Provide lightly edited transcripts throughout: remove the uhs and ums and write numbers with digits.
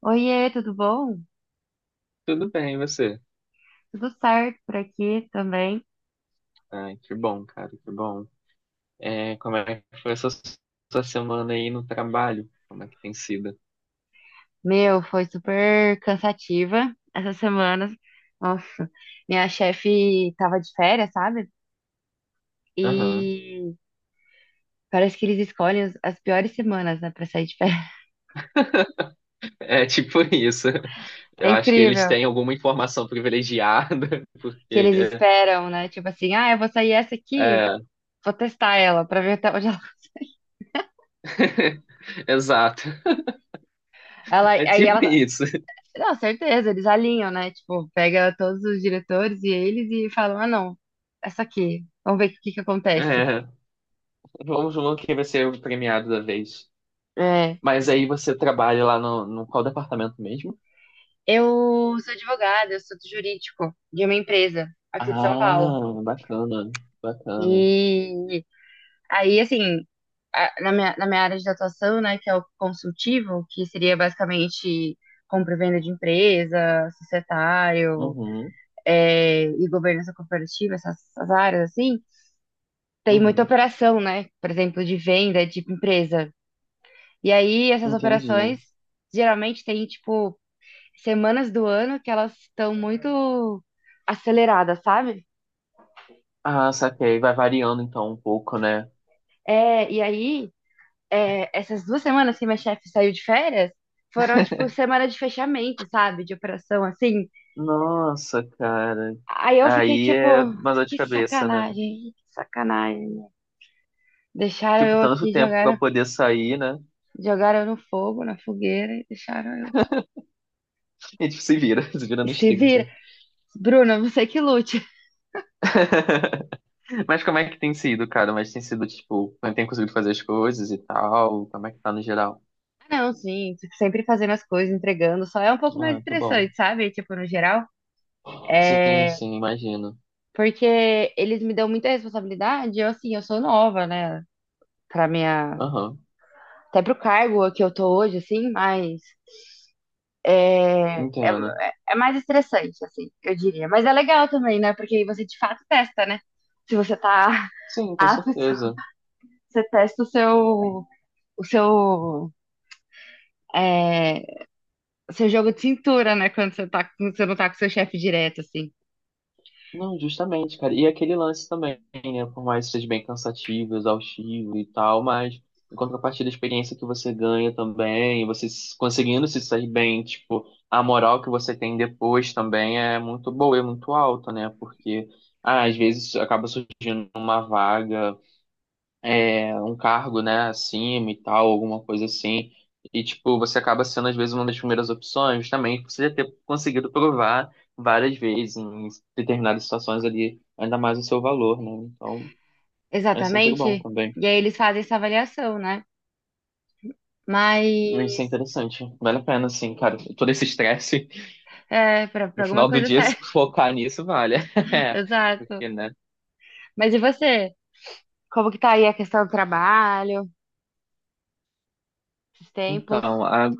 Oiê, tudo bom? Tudo bem, e você? Tudo certo por aqui também. Ai, que bom, cara, que bom. É, como é que foi essa sua semana aí no trabalho? Como é que tem sido? Meu, foi super cansativa essas semanas. Nossa, minha chefe tava de férias, sabe? Aham. E parece que eles escolhem as piores semanas, né, pra sair de férias. É tipo isso. É Eu acho que eles incrível têm alguma informação privilegiada, que porque. eles esperam, né? Tipo assim, ah, eu vou sair essa aqui, É. vou testar ela pra ver até onde ela. Exato. Ela, É aí tipo ela, isso. não, certeza, eles alinham, né? Tipo, pega todos os diretores e eles falam, ah, não, essa aqui, vamos ver o que que acontece. É. Vamos ver quem vai ser o premiado da vez. É. Mas aí você trabalha lá no qual departamento mesmo? Eu sou advogada, eu sou do jurídico de uma empresa aqui de São Paulo. Ah, bacana, bacana. E aí, assim, na minha área de atuação, né, que é o consultivo, que seria basicamente compra e venda de empresa, societário, Uhum, e governança corporativa, essas, essas áreas, assim, tem muita uhum. operação, né? Por exemplo, de venda de empresa. E aí, essas Entendi. operações geralmente tem tipo, semanas do ano que elas estão muito aceleradas, sabe? Ah, saquei. Vai variando então um pouco, né? É, e aí, essas duas semanas que minha chefe saiu de férias foram, tipo, semana de fechamento, sabe? De operação, assim. Nossa, cara. Aí eu fiquei, Aí tipo, é uma dor de que cabeça, né? sacanagem, que sacanagem. Deixaram Tipo, eu tanto aqui, tempo pra jogaram, poder sair, né? jogaram eu no fogo, na fogueira, e deixaram eu. E tipo, se vira, se vira E nos se vira. 30. Bruna, você que lute. Mas como é que tem sido, cara? Mas tem sido, tipo, quando tem conseguido fazer as coisas e tal? Como é que tá no geral? Ah, não, sim, sempre fazendo as coisas, entregando, só é um pouco mais Ah, que bom. interessante, sabe? Tipo, no geral. Sim, É, sim, imagino. porque eles me dão muita responsabilidade, eu assim, eu sou nova, né? Pra minha. Aham, Até pro cargo que eu tô hoje, assim, mas é, é, entendo. é mais estressante, assim, eu diria. Mas é legal também, né? Porque aí você de fato testa, né? Se você tá Sim, com apto, certeza. você testa o seu, é, o seu jogo de cintura, né? Quando você tá, quando você não tá com seu chefe direto, assim. Não, justamente, cara. E aquele lance também, né? Por mais que seja bem cansativo, exaustivo e tal, mas em contrapartida, a experiência que você ganha também, você se- conseguindo se sair bem, tipo, a moral que você tem depois também é muito boa, é muito alta, né? Porque ah, às vezes acaba surgindo uma vaga é, um cargo, né, acima e tal, alguma coisa assim. E, tipo, você acaba sendo, às vezes, uma das primeiras opções, também, por você já ter conseguido provar várias vezes em determinadas situações ali, ainda mais o seu valor, né? Então, é sempre bom Exatamente. também. E aí eles fazem essa avaliação, né? Isso é Mas interessante. Vale a pena, assim, cara. Todo esse estresse, pra, pra no alguma final do coisa dia, serve. se focar nisso, vale. É, Exato. porque, né? Mas e você? Como que tá aí a questão do trabalho, esses tempos? Então, a-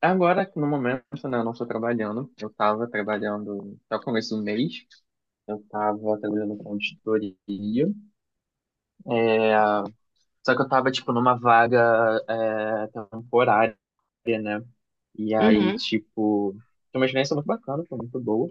agora, no momento, né, eu não estou trabalhando. Eu estava trabalhando até o começo do mês. Eu tava trabalhando com auditoria, só que eu tava, tipo, numa vaga é, temporária. E aí, Uhum, tipo, foi uma experiência muito bacana, foi muito boa.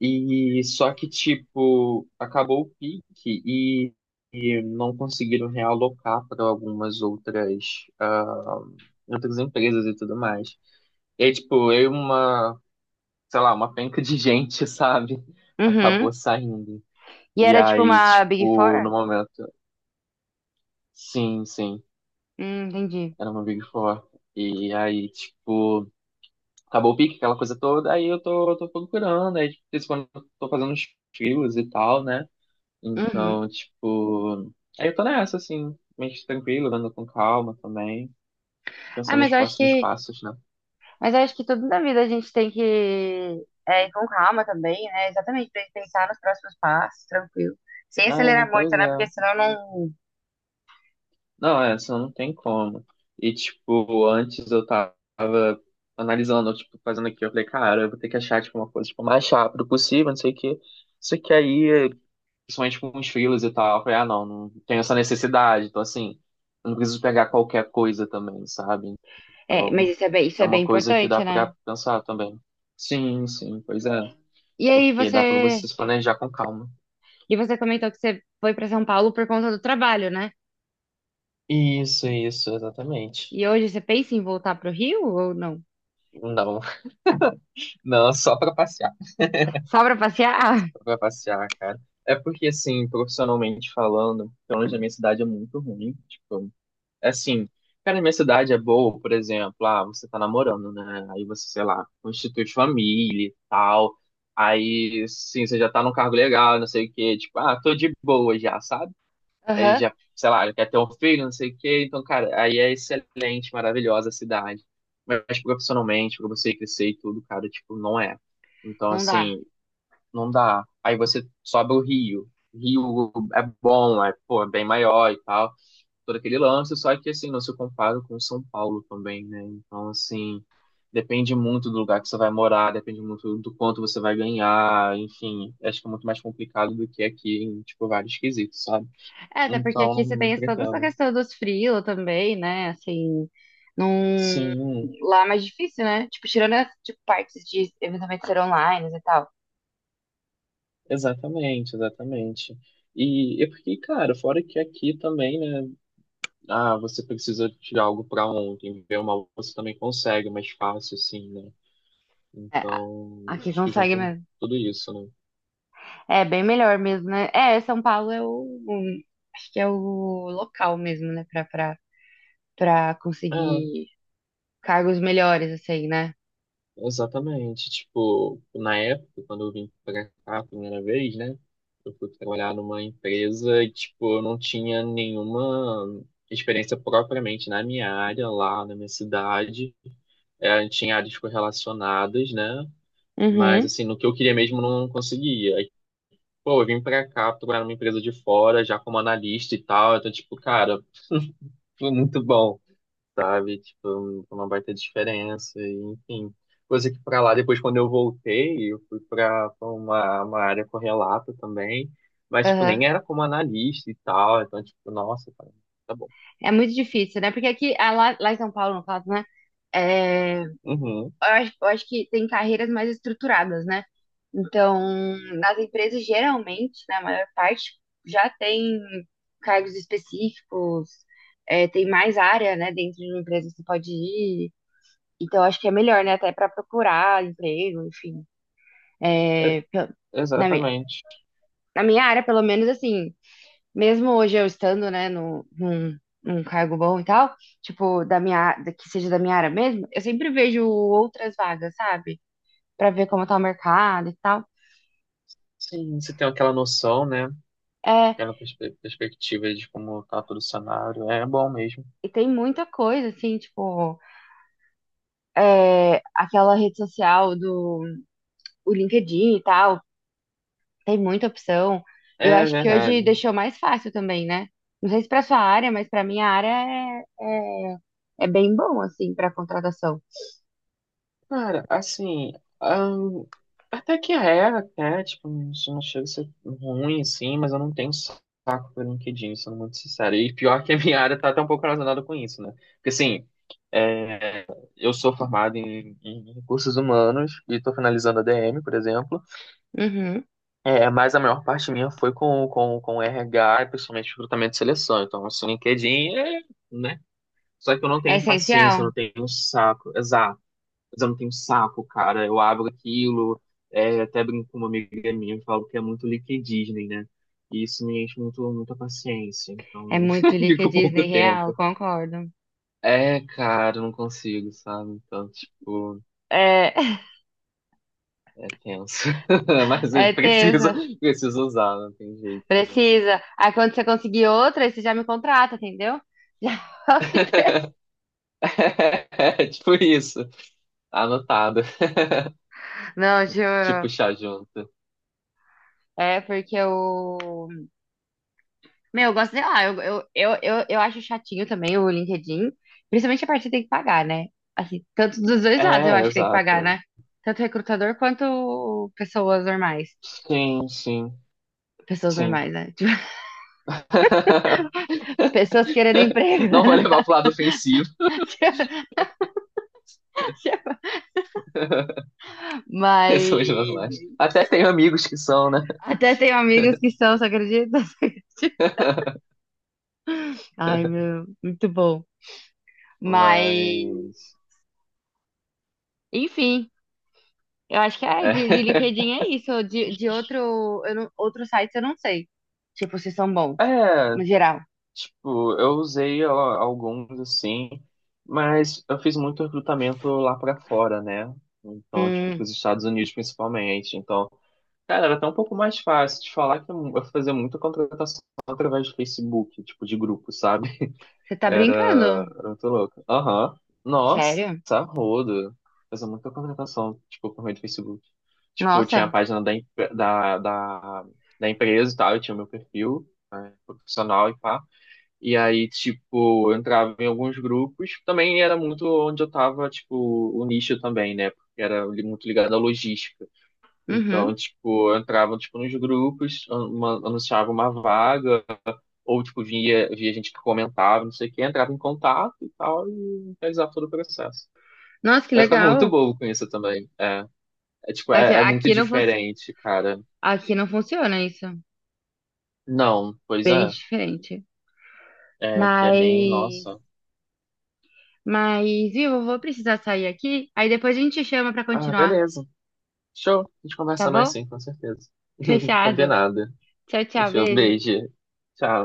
E só que, tipo, acabou o pique e não conseguiram realocar para algumas outras, ah, outras empresas e tudo mais. E aí, tipo, eu e uma, sei lá, uma penca de gente, sabe? uhum. Acabou saindo. E E era tipo aí, uma Big tipo, Four? no momento. Sim, sim. Entendi. Era uma Big Four. E aí, tipo, acabou o pique, aquela coisa toda, aí eu tô procurando, aí de vez em quando eu tô fazendo uns frios e tal, né? Uhum. Então, tipo, aí eu tô nessa, assim, meio tranquilo, andando com calma também, Ah, pensando mas nos eu acho próximos que, passos, né? mas eu acho que tudo na vida a gente tem que ir com calma também, né? Exatamente, pra gente pensar nos próximos passos, tranquilo. Sem É, acelerar pois muito, né? Porque é. senão não. Não, é, senão não tem como. E, tipo, antes eu tava analisando, tipo, fazendo aqui, eu falei, cara, eu vou ter que achar, tipo, uma coisa, tipo, mais rápido possível, não sei o quê. Só que aí principalmente com os filhos e tal. Eu falei, ah, não, não tenho essa necessidade. Então, assim, eu não preciso pegar qualquer coisa também, sabe? É, mas Então, isso é é bem uma coisa que dá importante, né? pra pensar também. Sim, sim, pois é. E aí Porque dá pra você você, se planejar com calma. e você comentou que você foi pra São Paulo por conta do trabalho, né? Isso, exatamente. E hoje você pensa em voltar pro Rio ou não? Não, não, Só pra passear? só pra passear, cara. É porque, assim, profissionalmente falando, pelo menos na minha cidade é muito ruim. Tipo, assim, cara, minha cidade é boa, por exemplo, ah, você tá namorando, né? Aí você, sei lá, constitui família e tal. Aí, sim, você já tá num cargo legal, não sei o quê. Tipo, ah, tô de boa já, sabe? Aí Aham. já, sei lá, quer ter um filho, não sei o quê. Então, cara, aí é excelente, maravilhosa a cidade. Mas tipo, profissionalmente, pra você crescer e tudo, cara, tipo, não é. Então, Não dá. assim, não dá. Aí você sobe o Rio. Rio é bom, é, pô, é bem maior e tal todo aquele lance, só que assim, não se compara com o São Paulo também, né? Então, assim, depende muito do lugar que você vai morar, depende muito do quanto você vai ganhar, enfim, acho que é muito mais complicado do que aqui em, tipo, vários quesitos, sabe? É, até porque Então, aqui você não tem toda essa pretendo. questão dos frios também, né? Assim, num... Sim, lá é mais difícil, né? Tipo, tirando as tipo, partes de eventualmente ser online e tal. exatamente, exatamente. E é porque, cara, fora que aqui também, né? Ah, você precisa tirar algo pra ontem, ver uma você também consegue é mais fácil, assim, né? É, Então, aqui acho que consegue juntou mesmo. tudo isso, né? É bem melhor mesmo, né? É, São Paulo é acho que é o local mesmo, né? Pra É, conseguir cargos melhores, assim, né? exatamente. Tipo, na época, quando eu vim pra cá a primeira vez, né? Eu fui trabalhar numa empresa e, tipo, eu não tinha nenhuma experiência propriamente na minha área, lá na minha cidade. É, tinha áreas correlacionadas, né? Mas, Uhum. assim, no que eu queria mesmo, eu não conseguia. Aí, pô, eu vim pra cá trabalhar numa empresa de fora, já como analista e tal. Então, tipo, cara, foi muito bom sabe? Tipo, foi uma baita diferença, e, enfim. Coisa que pra lá, depois quando eu voltei, eu fui pra uma área correlata também, mas, tipo, Aham. nem era como analista e tal, então, tipo, nossa, cara, tá bom. É muito difícil, né? Porque aqui, ah, lá em São Paulo, no caso, né? É, Uhum, eu acho que tem carreiras mais estruturadas, né? Então, nas empresas, geralmente, na maior parte, já tem cargos específicos, tem mais área, né? Dentro de uma empresa que você pode ir. Então, eu acho que é melhor, né? Até para procurar emprego, enfim. é- É, pe- na minha, exatamente. na minha área, pelo menos, assim, mesmo hoje eu estando, né, no, num, num cargo bom e tal, tipo, da minha, á- da- que seja da minha área mesmo, eu sempre vejo outras vagas, sabe? Pra ver como tá o mercado e tal. Sim, você tem aquela noção, né? É, Aquela perspe- perspectiva de como tá todo o cenário, é bom mesmo. e tem muita coisa, assim, tipo, aquela rede social do o LinkedIn e tal, tem muita opção. E eu É acho que hoje verdade. deixou mais fácil também, né? Não sei se pra sua área, mas pra minha área é bem bom, assim, pra contratação. Cara, assim, ahn, até que é, até, tipo, não chega a ser ruim, assim, mas eu não tenho saco pelo LinkedIn, sendo muito sincero. E pior que a minha área tá até um pouco relacionada com isso, né? Porque, assim, é, eu sou formado em recursos humanos e tô finalizando a DM, por exemplo, Uhum. é, mas a maior parte minha foi com RH, principalmente recrutamento e seleção. Então, assim, LinkedIn é, né? Só que eu não É tenho essencial? paciência, eu não tenho saco mas eu não tenho saco, cara. Eu abro aquilo, é, até brinco com uma amiga minha e falo que é muito Lick Disney, né? E isso me enche muito, muita paciência, É então muito Lica fico Disney pouco real, tempo. concordo. É, cara, eu não consigo, sabe? Então, tipo, É, é tenso. Mas eu é preciso, tenso. preciso usar, não tem jeito, né? Precisa. Aí quando você conseguir outra, aí você já me contrata, entendeu? Já faço empresa. É, tipo isso. Anotado. Não, juro. Tipo, chá junto. É porque eu. Meu, eu gosto, sei lá, eu acho chatinho também o LinkedIn. Principalmente a parte que tem que pagar, né? Assim, tanto dos dois lados eu É, acho que tem que pagar, exato. né? Tanto recrutador quanto pessoas normais. Sim, sim, Pessoas sim. normais, né? Tipo, pessoas querendo emprego, Não vou né? levar pro lado ofensivo. Mas. Pessoas normais. Até tenho amigos que são, né? Até tenho amigas que são, você acredita? Você acredita? Ai, meu, muito bom. Mas, Mas. enfim, eu acho que é de É, LinkedIn é isso. De outro, eu não, outro site eu não sei. Tipo, se são bons, é, no geral. tipo, eu usei ó, alguns assim, mas eu fiz muito recrutamento lá pra fora, né? Então, tipo, Hum, pros Estados Unidos principalmente. Então, cara, era até um pouco mais fácil de falar que eu fazia muita contratação através do Facebook, tipo, de grupo, sabe? você tá Era, brincando? era muito louco. Aham. Nossa, Sério? rodo. Fazia muita contratação, tipo, por meio do Facebook. Tipo, tinha a Nossa. página da, em- da, da, da empresa e tal, eu tinha o meu perfil, né, profissional e pá. E aí, tipo, eu entrava em alguns grupos. Também era muito onde eu tava, tipo, o nicho também, né? Porque era li- muito ligado à logística. Uhum. Então, tipo, eu entrava, tipo, nos grupos, an- uma- anunciava uma vaga, ou tipo via, via gente que comentava, não sei o quê, entrava em contato e tal, e realizava todo o processo. Nossa, que Eu ficava muito legal. bobo com isso também. É, é tipo, Aqui, é, é muito diferente, cara. aqui não funciona isso. Não, pois Bem é. diferente. É que é bem, Mas, nossa. mas, viu, eu vou precisar sair aqui. Aí depois a gente chama pra Ah, continuar, beleza. Show. A gente tá conversa mais bom? sim, com certeza. Fechado. Combinado. Tchau, tchau. Show, Beijo. beijo. Tchau.